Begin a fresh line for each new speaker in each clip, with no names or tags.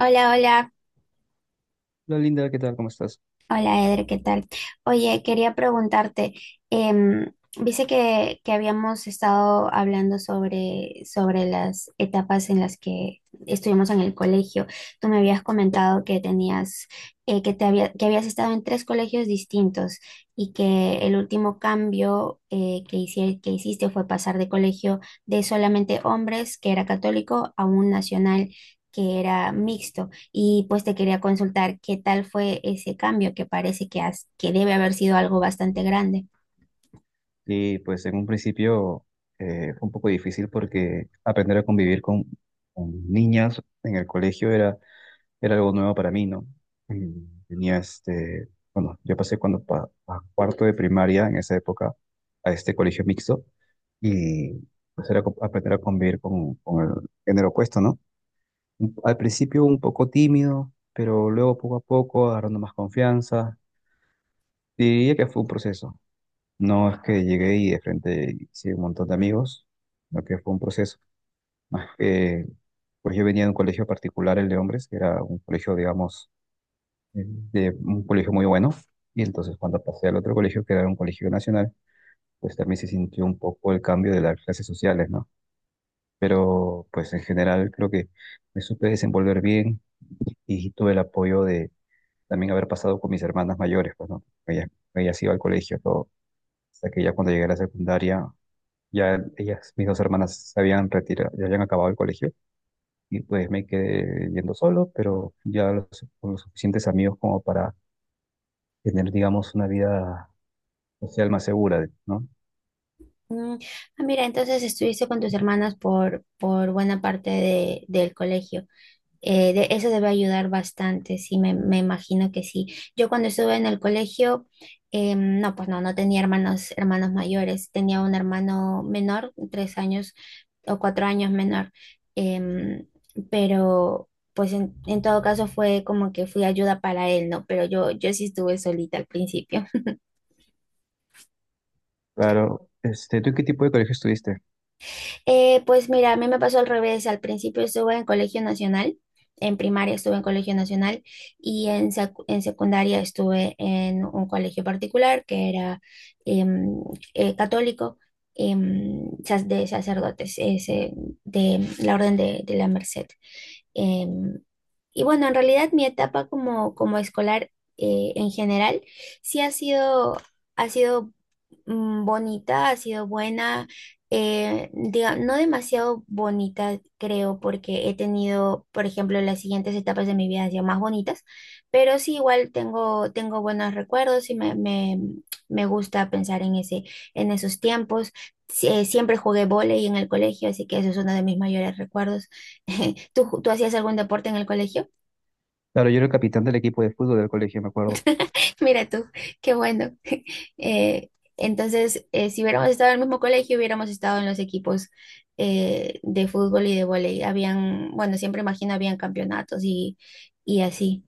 Hola, hola,
Hola Linda, ¿qué tal? ¿Cómo estás?
hola Eder, ¿qué tal? Oye, quería preguntarte, em, viste que habíamos estado hablando sobre las etapas en las que estuvimos en el colegio. Tú me habías comentado que tenías, que te había, que habías estado en tres colegios distintos y que el último cambio que hiciste fue pasar de colegio de solamente hombres, que era católico, a un nacional que era mixto. Y pues te quería consultar qué tal fue ese cambio que parece que, has- que debe haber sido algo bastante grande.
Y pues en un principio fue un poco difícil porque aprender a convivir con niñas en el colegio era algo nuevo para mí, ¿no? Mm, Tenía bueno, yo pasé cuando a cuarto de primaria en esa época a este colegio mixto y pues era aprender a convivir con el género opuesto, ¿no? Al principio un poco tímido, pero luego poco a poco agarrando más confianza. Diría que fue un proceso. No es que llegué y de frente hice un montón de amigos, lo que fue un proceso. Más pues yo venía de un colegio particular, el de hombres, que era un colegio, digamos, de un colegio muy bueno. Y entonces cuando pasé al otro colegio, que era un colegio nacional, pues también se sintió un poco el cambio de las clases sociales, ¿no? Pero pues en general creo que me supe desenvolver bien y tuve el apoyo de también haber pasado con mis hermanas mayores, pues, ¿no? Ellas iban al colegio, todo. Hasta que ya cuando llegué a la secundaria ya ellas, mis dos hermanas, se habían retirado, ya habían acabado el colegio y pues me quedé yendo solo, pero ya con los suficientes amigos como para tener, digamos, una vida social más segura, ¿no?
Mm, ah, mira, entonces estuviste con tus hermanas por buena parte del colegio. Eso debe ayudar bastante, sí, me imagino que sí. Yo cuando estuve en el colegio, no, pues no tenía hermanos, hermanos mayores, tenía un hermano menor, 3 años o 4 años menor, em, pero pues en todo caso fue como que fui ayuda para él, ¿no? Pero yo sí estuve solita al principio.
Claro, este, ¿tú en qué tipo de colegio estuviste?
Pues mira, a mí me pasó al revés. Al principio estuve en colegio nacional, en primaria estuve en colegio nacional y en secundaria estuve en un colegio particular que era, em, católico, de sacerdotes, ese, de la Orden de la Merced. Em, y bueno, en realidad mi etapa como, como escolar, en general sí ha sido bonita, ha sido buena, no demasiado bonita, creo, porque he tenido, por ejemplo, las siguientes etapas de mi vida han sido más bonitas, pero sí igual tengo buenos recuerdos y me gusta pensar en esos tiempos. Sí, siempre jugué vóley en el colegio, así que eso es uno de mis mayores recuerdos. ¿Tú hacías algún deporte en el colegio?
Claro, yo era el capitán del equipo de fútbol del colegio, me acuerdo.
Mira tú, qué bueno. Eh, entonces, si hubiéramos estado en el mismo colegio, hubiéramos estado en los equipos, de fútbol y de vóley. Habían, bueno, siempre imagino, habían campeonatos y así.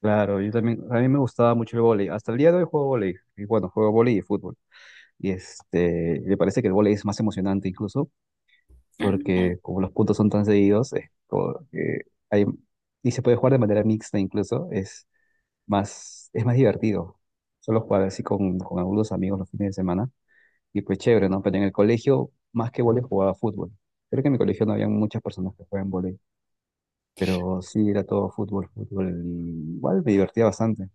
Claro, yo también, a mí me gustaba mucho el vóley. Hasta el día de hoy juego vóley. Y bueno, juego vóley y fútbol. Y este, me parece que el vóley es más emocionante incluso
Ah, mira.
porque como los puntos son tan seguidos, es como que hay, y se puede jugar de manera mixta incluso, es más divertido. Solo jugar así con algunos amigos los fines de semana, y pues chévere, ¿no? Pero en el colegio, más que vóley, jugaba fútbol. Creo que en mi colegio no había muchas personas que juegan vóley, pero sí era todo fútbol, fútbol, y igual me divertía bastante.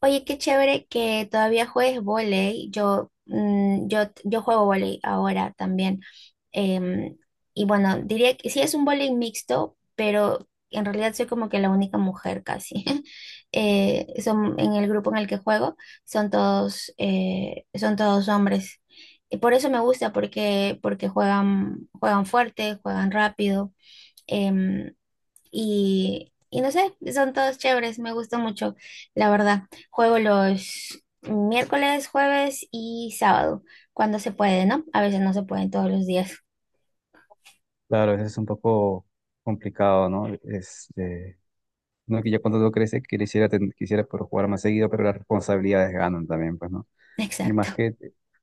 Oye, qué chévere que todavía juegues vóley. Yo juego vóley ahora también. Em, y bueno, diría que sí es un bowling mixto, pero en realidad soy como que la única mujer casi. En el grupo en el que juego son todos hombres. Y por eso me gusta, porque juegan, juegan fuerte, juegan rápido. em, y no sé, son todos chéveres, me gusta mucho, la verdad. Juego los miércoles, jueves y sábado, cuando se puede, ¿no? A veces no se pueden todos los días.
Claro, eso es un poco complicado, ¿no? Este, no es, uno que ya cuando uno crece quisiera poder jugar más seguido, pero las responsabilidades ganan también, pues, ¿no? Y más
Exacto,
que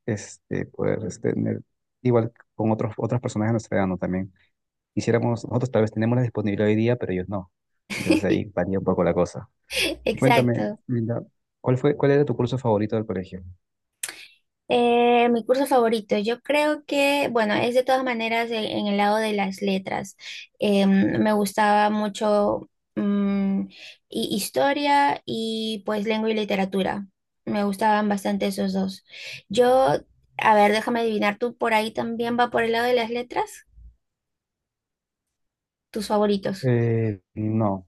este, poder este, tener, igual con otras personas de nuestra edad, ¿no? También quisiéramos, nosotros tal vez tenemos la disponibilidad hoy día, pero ellos no. Entonces ahí varía un poco la cosa. Y cuéntame,
exacto.
Linda, ¿cuál cuál era tu curso favorito del colegio?
Mi curso favorito, yo creo que, bueno, es de todas maneras en el lado de las letras. Me gustaba mucho, mm, historia y pues lengua y literatura. Me gustaban bastante esos dos. Yo, a ver, déjame adivinar, ¿tú por ahí también va por el lado de las letras? ¿Tus favoritos?
No,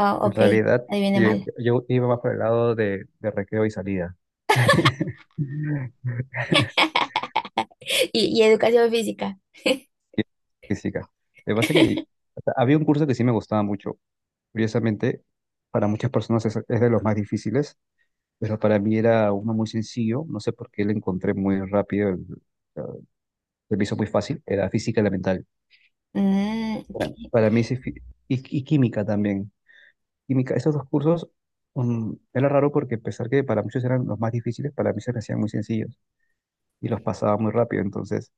Ah,
en
ok,
realidad
adiviné
yo,
mal.
yo iba más por el lado de recreo y salida.
Y educación física.
Y física. Lo que pasa es que o sea, había un curso que sí me gustaba mucho. Curiosamente, para muchas personas es de los más difíciles, pero para mí era uno muy sencillo, no sé por qué lo encontré muy rápido, eh, se me hizo muy fácil, era física y la mental.
Mm, ¿qué-
Para mí ese y química también. Química, esos dos cursos era raro porque a pesar que para muchos eran los más difíciles, para mí se me hacían muy sencillos y los pasaba muy rápido. Entonces,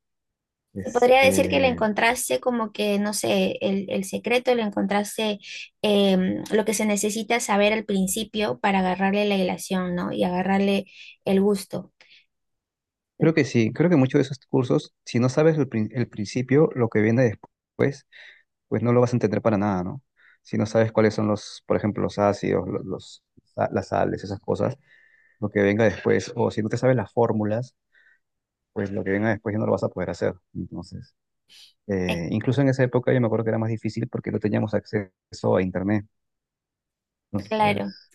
Se podría decir que le
este,
encontraste como que, no sé, el secreto, le encontraste, lo que se necesita saber al principio para agarrarle la ilación, ¿no? Y agarrarle el gusto.
creo que sí, creo que muchos de esos cursos, si no sabes el principio, lo que viene después, pues no lo vas a entender para nada, ¿no? Si no sabes cuáles son los, por ejemplo, los ácidos, las sales, esas cosas lo que venga después, o si no te sabes las fórmulas, pues lo que venga después ya no lo vas a poder hacer. Entonces,
Eh,
incluso en esa época yo me acuerdo que era más difícil porque no teníamos acceso a internet.
Claro.
Entonces,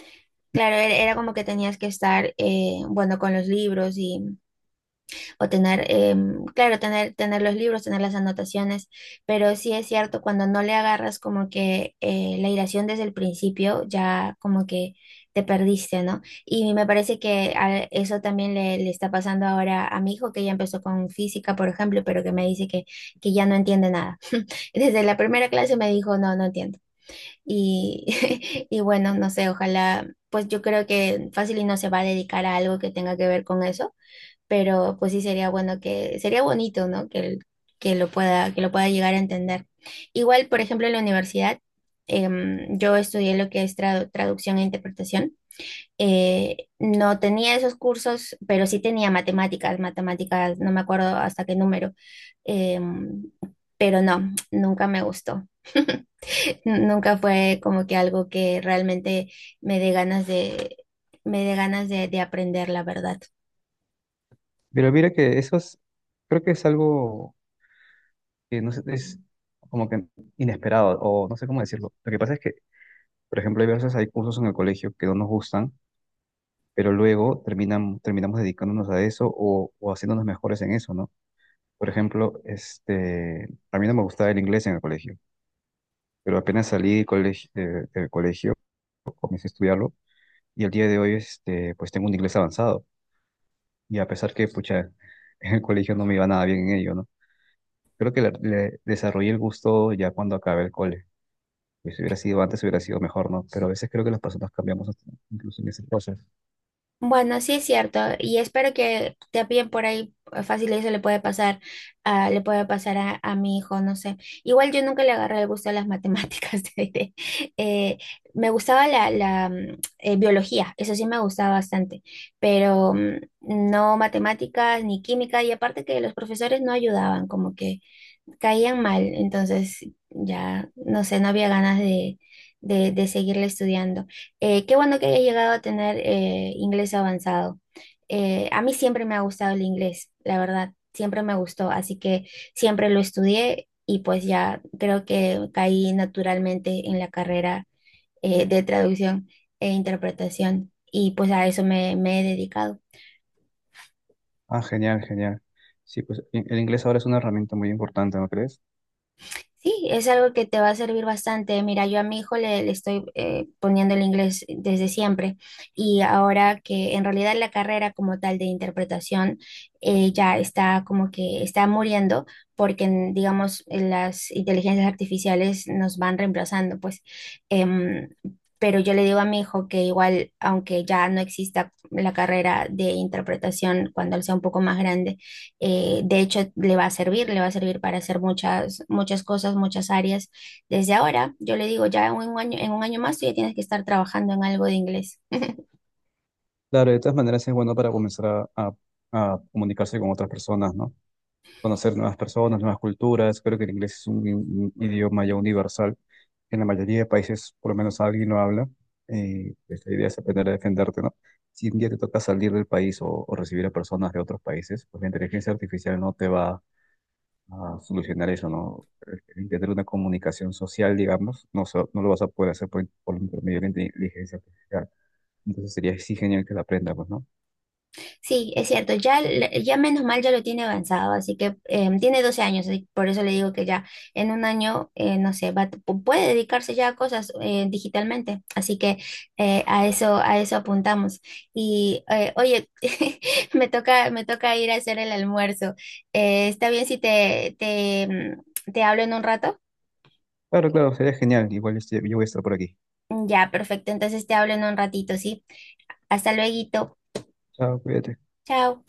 Claro, era como que tenías que estar, bueno, con los libros y, o tener, claro, tener los libros, tener las anotaciones, pero sí es cierto, cuando no le agarras como que, la iracción desde el principio, ya como que te perdiste, ¿no? Y me parece que a eso también le está pasando ahora a mi hijo, que ya empezó con física, por ejemplo, pero que me dice que ya no entiende nada. Desde la primera clase me dijo, no, no entiendo. Y, y bueno, no sé, ojalá, pues yo creo que fácil y no se va a dedicar a algo que tenga que ver con eso, pero pues sí sería bueno que, sería bonito, ¿no? Que lo pueda llegar a entender. Igual, por ejemplo, en la universidad, yo estudié lo que es traducción e interpretación. No tenía esos cursos, pero sí tenía matemáticas, no me acuerdo hasta qué número, em, pero no, nunca me gustó. Nunca fue como que algo que realmente me dé ganas de, me dé ganas de aprender, la verdad.
pero mira que eso es, creo que es algo que no sé, es como que inesperado, o no sé cómo decirlo. Lo que pasa es que, por ejemplo, hay veces hay cursos en el colegio que no nos gustan, pero luego terminamos dedicándonos a eso o haciéndonos mejores en eso, ¿no? Por ejemplo, este, a mí no me gustaba el inglés en el colegio, pero apenas salí del colegio, comencé a estudiarlo y el día de hoy este, pues tengo un inglés avanzado y a pesar que pucha, en el colegio no me iba nada bien en ello, ¿no? Creo que le desarrollé el gusto ya cuando acabé el cole. Pues si hubiera sido antes, hubiera sido mejor, ¿no? Pero a veces creo que las personas cambiamos incluso en esas cosas.
Bueno, sí es cierto, y espero que te también por ahí, fácil eso le puede pasar, le puede pasar a mi hijo, no sé. Igual yo nunca le agarré el gusto a las matemáticas, te diré. Eh, Me gustaba la biología, eso sí me gustaba bastante, pero, no matemáticas ni química, y aparte que los profesores no ayudaban, como que caían mal, entonces ya, no sé, no había ganas de seguirle estudiando. Qué bueno que haya llegado a tener, inglés avanzado. A mí siempre me ha gustado el inglés, la verdad, siempre me gustó, así que siempre lo estudié y pues ya creo que caí naturalmente en la carrera, de traducción e interpretación y pues a eso me he dedicado.
Ah, genial, genial. Sí, pues el inglés ahora es una herramienta muy importante, ¿no crees?
Sí, es algo que te va a servir bastante. Mira, yo a mi hijo le estoy, poniendo el inglés desde siempre y ahora que en realidad la carrera como tal de interpretación, ya está como que está muriendo porque, digamos en las inteligencias artificiales nos van reemplazando, pues. Em, pero yo le digo a mi hijo que igual, aunque ya no exista la carrera de interpretación cuando él sea un poco más grande, de hecho, le va a servir para hacer muchas, muchas cosas, muchas áreas. Desde ahora, yo le digo, ya en un año más tú ya tienes que estar trabajando en algo de inglés.
Claro, de todas maneras es bueno para comenzar a comunicarse con otras personas, ¿no? Conocer nuevas personas, nuevas culturas. Creo que el inglés es un idioma ya universal. En la mayoría de países, por lo menos alguien lo habla. Pues, la idea es aprender a defenderte, ¿no? Si un día te toca salir del país o recibir a personas de otros países, pues la inteligencia artificial no te va a solucionar eso, ¿no? El tener una comunicación social, digamos, no, no lo vas a poder hacer por medio de la inteligencia artificial. Entonces sería sí genial que la aprenda, pues, ¿no?
Sí, es cierto, ya, ya menos mal ya lo tiene avanzado, así que tiene 12 años, por eso le digo que ya en un año, no sé, puede dedicarse ya a cosas, digitalmente, así que a eso apuntamos. Y, oye, me toca ir a hacer el almuerzo. ¿Está bien si te hablo en un rato?
Claro, claro, sería genial. Igual yo voy a estar por aquí.
Ya, perfecto, entonces te hablo en un ratito, ¿sí? Hasta luego,
Chao, cuídate.
chao.